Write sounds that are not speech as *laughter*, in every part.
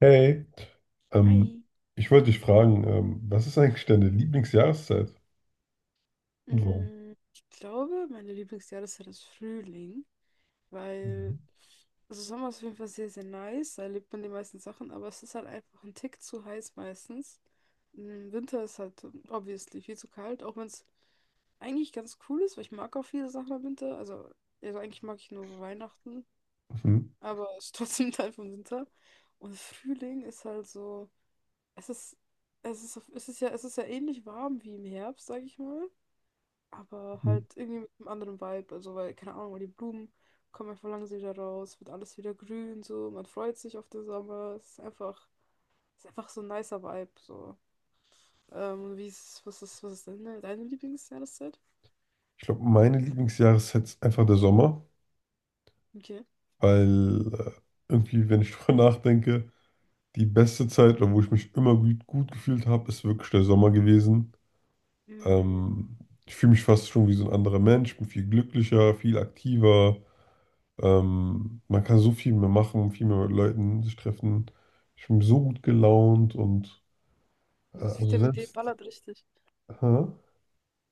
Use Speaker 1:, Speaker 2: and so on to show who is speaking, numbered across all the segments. Speaker 1: Hey, ähm,
Speaker 2: Hi.
Speaker 1: ich wollte dich fragen, was ist eigentlich deine Lieblingsjahreszeit und warum?
Speaker 2: Ich glaube, meine Lieblingsjahreszeit ist Frühling, weil
Speaker 1: Mhm.
Speaker 2: also Sommer ist auf jeden Fall sehr, sehr nice, da erlebt man die meisten Sachen, aber es ist halt einfach ein Tick zu heiß meistens. Mm, Winter ist halt obviously viel zu kalt, auch wenn es eigentlich ganz cool ist, weil ich mag auch viele Sachen im Winter. Also, eigentlich mag ich nur Weihnachten,
Speaker 1: Mhm.
Speaker 2: aber es ist trotzdem *laughs* Teil vom Winter. Und Frühling ist halt so, es ist, es ist ja ähnlich warm wie im Herbst, sag ich mal. Aber
Speaker 1: Mhm.
Speaker 2: halt irgendwie mit einem anderen Vibe. Also, weil, keine Ahnung, weil die Blumen kommen einfach langsam wieder raus, wird alles wieder grün, so, man freut sich auf den Sommer. Es ist einfach so ein nicer Vibe. So. Wie ist, was ist, was ist deine Lieblingsjahreszeit?
Speaker 1: Ich glaube, meine Lieblingsjahreszeit ist einfach der Sommer,
Speaker 2: Okay.
Speaker 1: weil irgendwie, wenn ich *laughs* drüber nachdenke, die beste Zeit, oder wo ich mich immer gut, gut gefühlt habe, ist wirklich der Sommer gewesen.
Speaker 2: Mm,
Speaker 1: Ähm, ich fühle mich fast schon wie so ein anderer Mensch, bin viel glücklicher, viel aktiver. Man kann so viel mehr machen, viel mehr mit Leuten sich treffen. Ich bin so gut gelaunt und
Speaker 2: das
Speaker 1: also
Speaker 2: Vitamin D
Speaker 1: selbst.
Speaker 2: ballert richtig.
Speaker 1: Aha.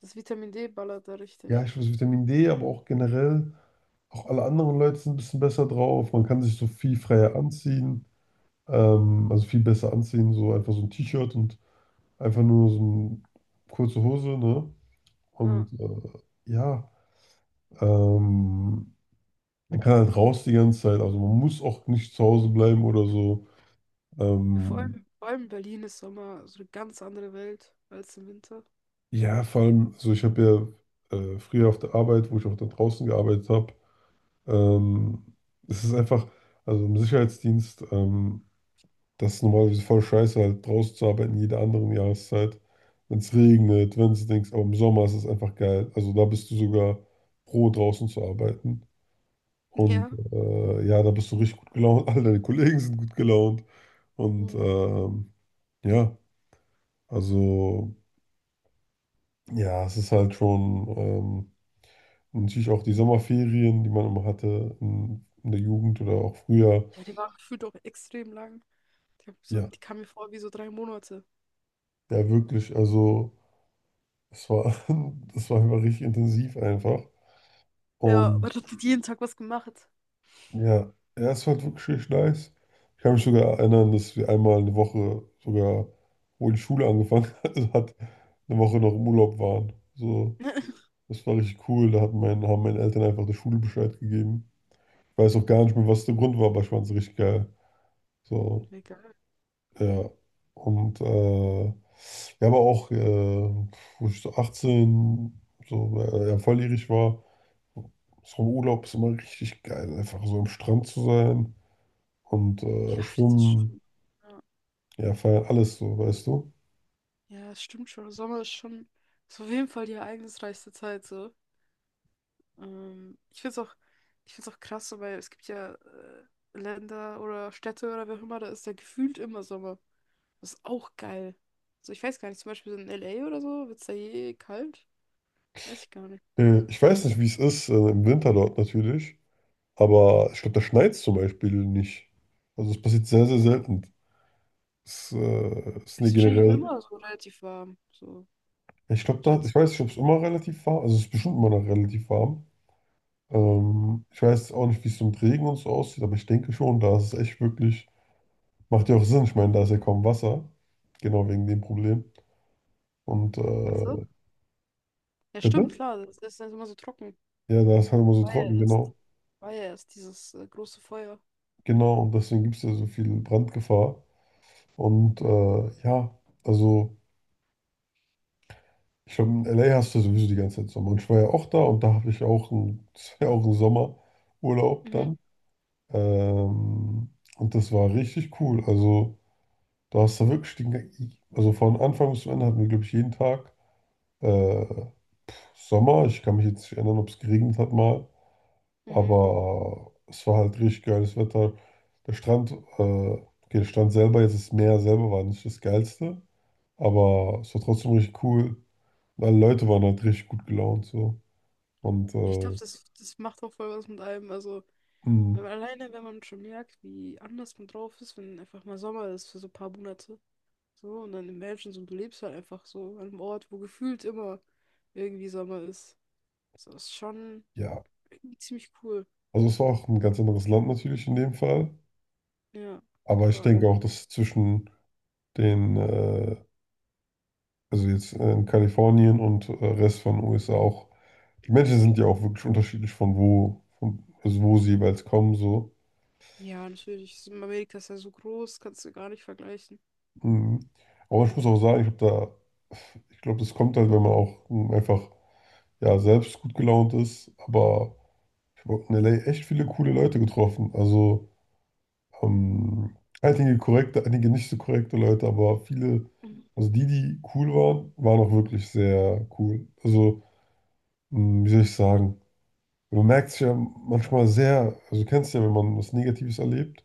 Speaker 2: Das Vitamin D ballert da
Speaker 1: Ja,
Speaker 2: richtig.
Speaker 1: ich weiß, Vitamin D, aber auch generell, auch alle anderen Leute sind ein bisschen besser drauf. Man kann sich so viel
Speaker 2: Ja.
Speaker 1: freier anziehen, also viel besser anziehen, so einfach so ein T-Shirt und einfach nur so eine kurze Hose, ne?
Speaker 2: Ja.
Speaker 1: Und ja, ähm, man kann halt raus die ganze Zeit, also man muss auch nicht zu Hause bleiben oder so.
Speaker 2: Ja, vor
Speaker 1: Ähm,
Speaker 2: allem, vor allem in Berlin ist Sommer so eine ganz andere Welt als im Winter.
Speaker 1: ja, vor allem, also ich habe ja früher auf der Arbeit, wo ich auch da draußen gearbeitet habe. Ähm, es ist einfach, also im Sicherheitsdienst, das ist normalerweise voll scheiße, halt draußen zu arbeiten, jede andere Jahreszeit. Wenn es
Speaker 2: Mhm.
Speaker 1: regnet, wenn es Dings, aber im Sommer ist es einfach geil. Also da bist du sogar pro, draußen zu arbeiten. Und
Speaker 2: Ja.
Speaker 1: ja, da bist du richtig gut gelaunt, *laughs* alle deine Kollegen sind gut gelaunt. Und
Speaker 2: Mhm.
Speaker 1: ja, also ja, es ist halt schon und natürlich auch die Sommerferien, die man immer hatte in der Jugend oder auch früher.
Speaker 2: Ja, die war gefühlt auch extrem lang. Die, hab so,
Speaker 1: Ja,
Speaker 2: die kam mir vor wie so 3 Monate.
Speaker 1: ja, wirklich. Also, es war, *laughs* es war immer richtig intensiv einfach.
Speaker 2: Ja, aber
Speaker 1: Und
Speaker 2: hat die hat jeden Tag was gemacht.
Speaker 1: ja, ja, es war halt wirklich richtig nice. Ich kann mich sogar erinnern, dass wir einmal eine Woche sogar, wo die Schule angefangen *laughs* hat, eine Woche noch im Urlaub waren. So,
Speaker 2: *laughs*
Speaker 1: das war richtig cool. Da hat mein, haben meine Eltern einfach der Schule Bescheid gegeben. Ich weiß auch gar nicht mehr, was der Grund war, aber ich fand es richtig geil. So,
Speaker 2: Egal.
Speaker 1: ja. Und ja, aber auch, wo ich so 18, so ja, volljährig war. So im Urlaub ist immer richtig geil, einfach so am Strand zu sein und
Speaker 2: Ja, das ist
Speaker 1: schwimmen,
Speaker 2: schon. Ja,
Speaker 1: ja, feiern, alles so, weißt du?
Speaker 2: ja, es stimmt schon. Sommer ist schon ist auf jeden Fall die ereignisreichste Zeit so. Ähm, ich find's auch krass, so, weil es gibt ja Länder oder Städte oder wer auch immer, da ist ja gefühlt immer Sommer. Das ist auch geil. So, ich weiß gar nicht, zum Beispiel so in LA oder so, wird es da je kalt? Weiß ich gar nicht.
Speaker 1: Ich weiß nicht, wie es ist im Winter dort natürlich, aber ich glaube, da schneit es zum Beispiel nicht. Also es passiert sehr, sehr
Speaker 2: Ja.
Speaker 1: selten. Es ist
Speaker 2: Ist
Speaker 1: nicht
Speaker 2: wahrscheinlich für
Speaker 1: generell,
Speaker 2: immer so relativ warm, so
Speaker 1: ich glaube, da, ich
Speaker 2: schätze ich.
Speaker 1: weiß nicht, ob es immer relativ warm, also es ist bestimmt immer noch relativ warm.
Speaker 2: Mhm.
Speaker 1: Ich weiß auch nicht, wie es so mit Regen und so aussieht, aber ich denke schon, da ist es echt wirklich, macht ja auch Sinn, ich meine, da ist ja kaum Wasser, genau wegen dem Problem. Und
Speaker 2: Ach so? Ja,
Speaker 1: bitte?
Speaker 2: stimmt, klar, das ist dann immer so trocken.
Speaker 1: Ja, da ist halt immer so
Speaker 2: War ja
Speaker 1: trocken,
Speaker 2: erst,
Speaker 1: genau.
Speaker 2: war ja erst dieses große Feuer.
Speaker 1: Genau, und deswegen gibt es da so viel Brandgefahr. Und ja, also ich glaube, in LA hast du ja sowieso die ganze Zeit Sommer. Und ich war ja auch da und da habe ich ja auch einen, *laughs* das war ja auch einen Sommerurlaub
Speaker 2: Mhm,
Speaker 1: dann. Ähm, und das war richtig cool. Also da hast du wirklich den, also von Anfang bis zum Ende hatten wir, glaube ich, jeden Tag äh, Sommer. Ich kann mich jetzt nicht erinnern, ob es geregnet hat mal.
Speaker 2: mhm.
Speaker 1: Aber es war halt richtig geiles Wetter. Der Strand, okay, der Strand selber, jetzt das Meer selber war nicht das Geilste, aber es war trotzdem richtig cool. Und alle Leute waren halt richtig gut gelaunt so. Und
Speaker 2: Ich glaube, das macht auch voll was mit einem. Also,
Speaker 1: mh,
Speaker 2: wenn man, alleine, wenn man schon merkt, wie anders man drauf ist, wenn einfach mal Sommer ist für so ein paar Monate. So, und dann im Menschen so, du lebst halt einfach so an einem Ort, wo gefühlt immer irgendwie Sommer ist. So, ist schon
Speaker 1: ja,
Speaker 2: irgendwie ziemlich cool.
Speaker 1: also es war auch ein ganz anderes Land natürlich in dem Fall.
Speaker 2: Ja,
Speaker 1: Aber ich
Speaker 2: klar.
Speaker 1: denke auch, dass zwischen den, also jetzt in Kalifornien und Rest von USA auch, die Menschen sind ja auch wirklich unterschiedlich von wo, von, also wo sie jeweils kommen so.
Speaker 2: Ja, natürlich. Amerika ist ja so groß, kannst du gar nicht vergleichen.
Speaker 1: Mhm. Aber ich muss auch sagen, ich glaube, da, ich glaube, das kommt halt, wenn man auch einfach ja, selbst gut gelaunt ist. Aber ich habe in LA echt viele coole Leute getroffen. Also ähm, einige korrekte, einige nicht so korrekte Leute, aber viele,
Speaker 2: Mhm.
Speaker 1: also die, die cool waren, waren auch wirklich sehr cool. Also, mh, wie soll ich sagen? Man merkt es ja manchmal sehr, also du kennst ja, wenn man was Negatives erlebt.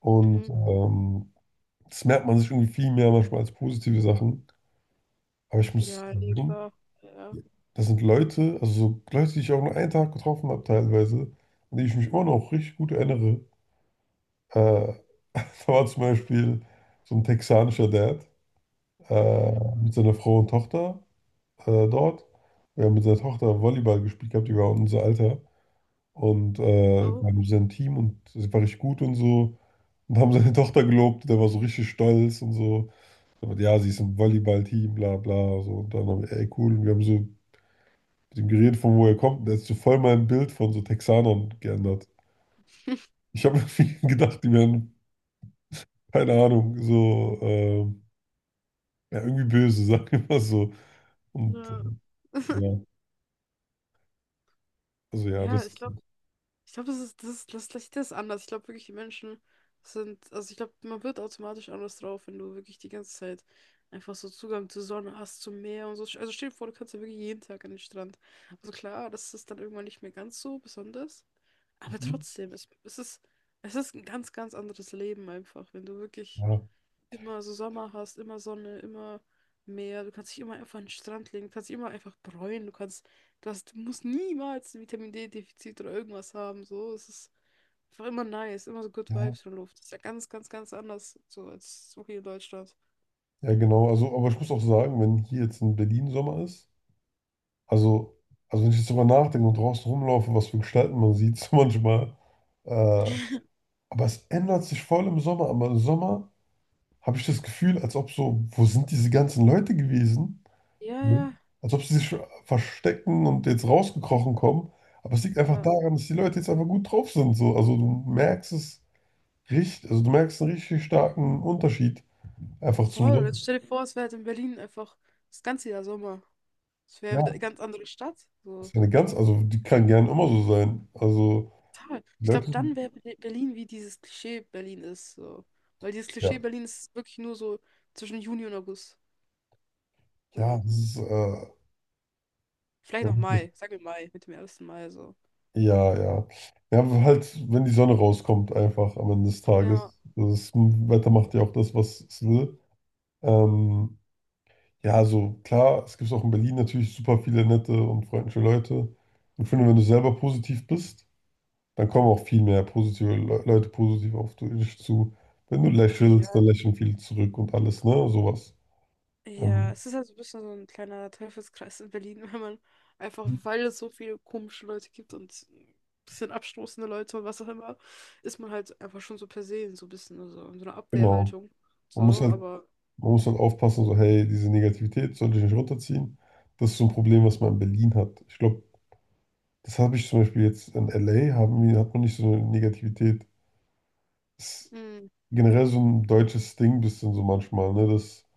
Speaker 1: Und
Speaker 2: Mhm.
Speaker 1: das merkt man sich irgendwie viel mehr manchmal als positive Sachen. Aber ich muss
Speaker 2: Ja, nee,
Speaker 1: sagen,
Speaker 2: klar. Ja.
Speaker 1: das sind Leute, also so Leute, die ich auch nur einen Tag getroffen habe teilweise, an die ich mich immer noch richtig gut erinnere. Äh, *laughs* da war zum Beispiel so ein texanischer Dad äh,
Speaker 2: Mhm.
Speaker 1: mit seiner Frau und Tochter dort. Wir haben mit seiner Tochter Volleyball gespielt gehabt, die war unser Alter. Und wir
Speaker 2: Auch.
Speaker 1: haben sein Team und sie war richtig gut und so. Und haben seine Tochter gelobt, der war so richtig stolz und so. Aber ja, sie ist im Volleyballteam, bla bla. So. Und dann haben wir, ey cool, und wir haben so mit dem Gerät, von wo er kommt, der ist so voll mein Bild von so Texanern geändert.
Speaker 2: *laughs*
Speaker 1: Ich habe irgendwie *laughs* gedacht, die wären, keine Ahnung, so, ja, irgendwie böse, *laughs* sagen wir mal so. Und
Speaker 2: Ja,
Speaker 1: ja, also ja,
Speaker 2: ja ich
Speaker 1: das,
Speaker 2: glaube, ich glaube, das Licht ist anders. Ich glaube wirklich, die Menschen sind, also ich glaube, man wird automatisch anders drauf, wenn du wirklich die ganze Zeit einfach so Zugang zur Sonne hast, zum Meer und so. Also stell dir vor, du kannst ja wirklich jeden Tag an den Strand. Also klar, das ist dann irgendwann nicht mehr ganz so besonders, aber
Speaker 1: mhm,
Speaker 2: trotzdem, es ist, es ist ein ganz, ganz anderes Leben einfach, wenn du wirklich
Speaker 1: ja,
Speaker 2: immer so Sommer hast, immer Sonne, immer Meer, du kannst dich immer einfach an den Strand legen, du kannst dich immer einfach bräunen, du hast, du musst niemals ein Vitamin D-Defizit oder irgendwas haben, so, es ist einfach immer nice, immer so Good
Speaker 1: ja,
Speaker 2: Vibes von Luft, das ist ja ganz, ganz, ganz anders, so, als so hier in Deutschland.
Speaker 1: ja, genau. Also, aber ich muss auch sagen, wenn hier jetzt in Berlin Sommer ist, also, also wenn ich jetzt drüber nachdenke und draußen rumlaufe, was für Gestalten man sieht, *laughs* so manchmal, äh,
Speaker 2: *laughs*
Speaker 1: aber es ändert sich voll im Sommer, aber im Sommer habe ich das Gefühl, als ob so, wo sind diese ganzen Leute gewesen?
Speaker 2: Ja,
Speaker 1: Mhm.
Speaker 2: ja,
Speaker 1: Als ob sie sich verstecken und jetzt rausgekrochen kommen. Aber es liegt einfach
Speaker 2: ja,
Speaker 1: daran, dass die Leute jetzt einfach gut drauf sind. So. Also du merkst es richtig, also du merkst einen richtig starken Unterschied einfach zum
Speaker 2: voll,
Speaker 1: Sommer.
Speaker 2: jetzt stell dir vor, es wäre halt in Berlin einfach das ganze Jahr Sommer, es wäre wieder eine
Speaker 1: Ja,
Speaker 2: ganz andere Stadt,
Speaker 1: das
Speaker 2: so.
Speaker 1: ist eine ganz, also die kann gerne immer so sein. Also
Speaker 2: Total.
Speaker 1: die
Speaker 2: Ich glaube,
Speaker 1: Leute,
Speaker 2: dann wäre Berlin wie dieses Klischee Berlin ist. So. Weil dieses Klischee
Speaker 1: ja,
Speaker 2: Berlin ist wirklich nur so zwischen Juni und August.
Speaker 1: ja,
Speaker 2: So.
Speaker 1: das ist,
Speaker 2: Vielleicht
Speaker 1: ja,
Speaker 2: noch
Speaker 1: wirklich.
Speaker 2: Mai, sagen wir Mai, mit dem ersten Mai so.
Speaker 1: Ja, ja. Ja, aber halt, wenn die Sonne rauskommt, einfach am Ende des
Speaker 2: Ja.
Speaker 1: Tages. Das Wetter macht ja auch das, was es will. Ähm, Ja, also klar, es gibt auch in Berlin natürlich super viele nette und freundliche Leute. Und ich finde, wenn du selber positiv bist, dann kommen auch viel mehr positive Le Leute positiv auf dich zu. Wenn du lächelst, dann
Speaker 2: Ja,
Speaker 1: lächeln viele zurück und alles, ne? Sowas.
Speaker 2: ja.
Speaker 1: Ähm,
Speaker 2: Es ist halt so ein bisschen so ein kleiner Teufelskreis in Berlin, *laughs* wenn man einfach, weil es so viele komische Leute gibt und ein bisschen abstoßende Leute und was auch immer, ist man halt einfach schon so per se so ein bisschen so in so einer
Speaker 1: genau.
Speaker 2: Abwehrhaltung.
Speaker 1: Man muss
Speaker 2: So,
Speaker 1: halt,
Speaker 2: aber.
Speaker 1: man muss halt aufpassen, so, hey, diese Negativität sollte ich nicht runterziehen. Das ist so ein Problem, was man in Berlin hat. Ich glaube, das habe ich zum Beispiel jetzt in LA, haben wir, hat man nicht so eine Negativität. Das ist generell so ein deutsches Ding, bisschen so manchmal, ne? Das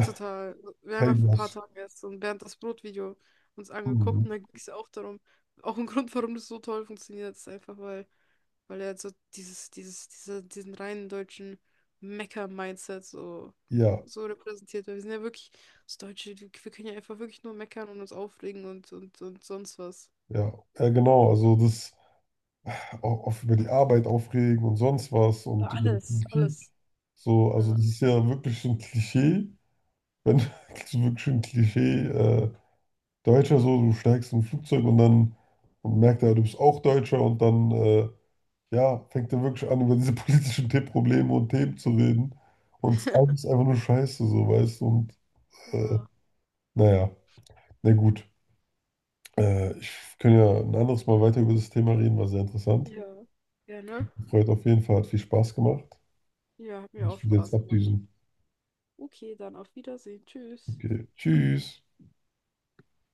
Speaker 2: Total. Wir haben ja vor ein paar
Speaker 1: Helmers.
Speaker 2: Tagen erst so ein Bernd das Brot-Video uns angeguckt
Speaker 1: Mhm.
Speaker 2: und da ging es ja auch darum. Auch ein Grund, warum das so toll funktioniert, ist einfach, weil, weil er so diesen reinen deutschen Mecker-Mindset so,
Speaker 1: Ja,
Speaker 2: so repräsentiert. Weil wir sind ja wirklich das Deutsche, wir können ja einfach wirklich nur meckern und uns aufregen und sonst was.
Speaker 1: ja, ja, genau. Also das auch, auch über die Arbeit aufregen und sonst was und
Speaker 2: Über
Speaker 1: über die
Speaker 2: alles,
Speaker 1: Politik.
Speaker 2: alles.
Speaker 1: So, also
Speaker 2: Ja.
Speaker 1: das ist ja wirklich so ein Klischee. Wenn *laughs* das ist wirklich so ein Klischee, Deutscher so, du steigst in ein Flugzeug und dann und merkt er, du bist auch Deutscher und dann ja, fängt er wirklich an, über diese *laughs* politischen The Probleme und Themen zu reden. Und es ist
Speaker 2: *laughs*
Speaker 1: alles einfach nur Scheiße, so, weißt du? Und äh,
Speaker 2: Ja,
Speaker 1: naja, na gut. Ich kann ja ein anderes Mal weiter über das Thema reden, war sehr interessant.
Speaker 2: ja, gerne.
Speaker 1: Freut auf jeden Fall, hat viel Spaß gemacht.
Speaker 2: Ja, hat mir auch
Speaker 1: Ich will jetzt
Speaker 2: Spaß gemacht.
Speaker 1: abdüsen.
Speaker 2: Okay, dann auf Wiedersehen. Tschüss.
Speaker 1: Okay, tschüss.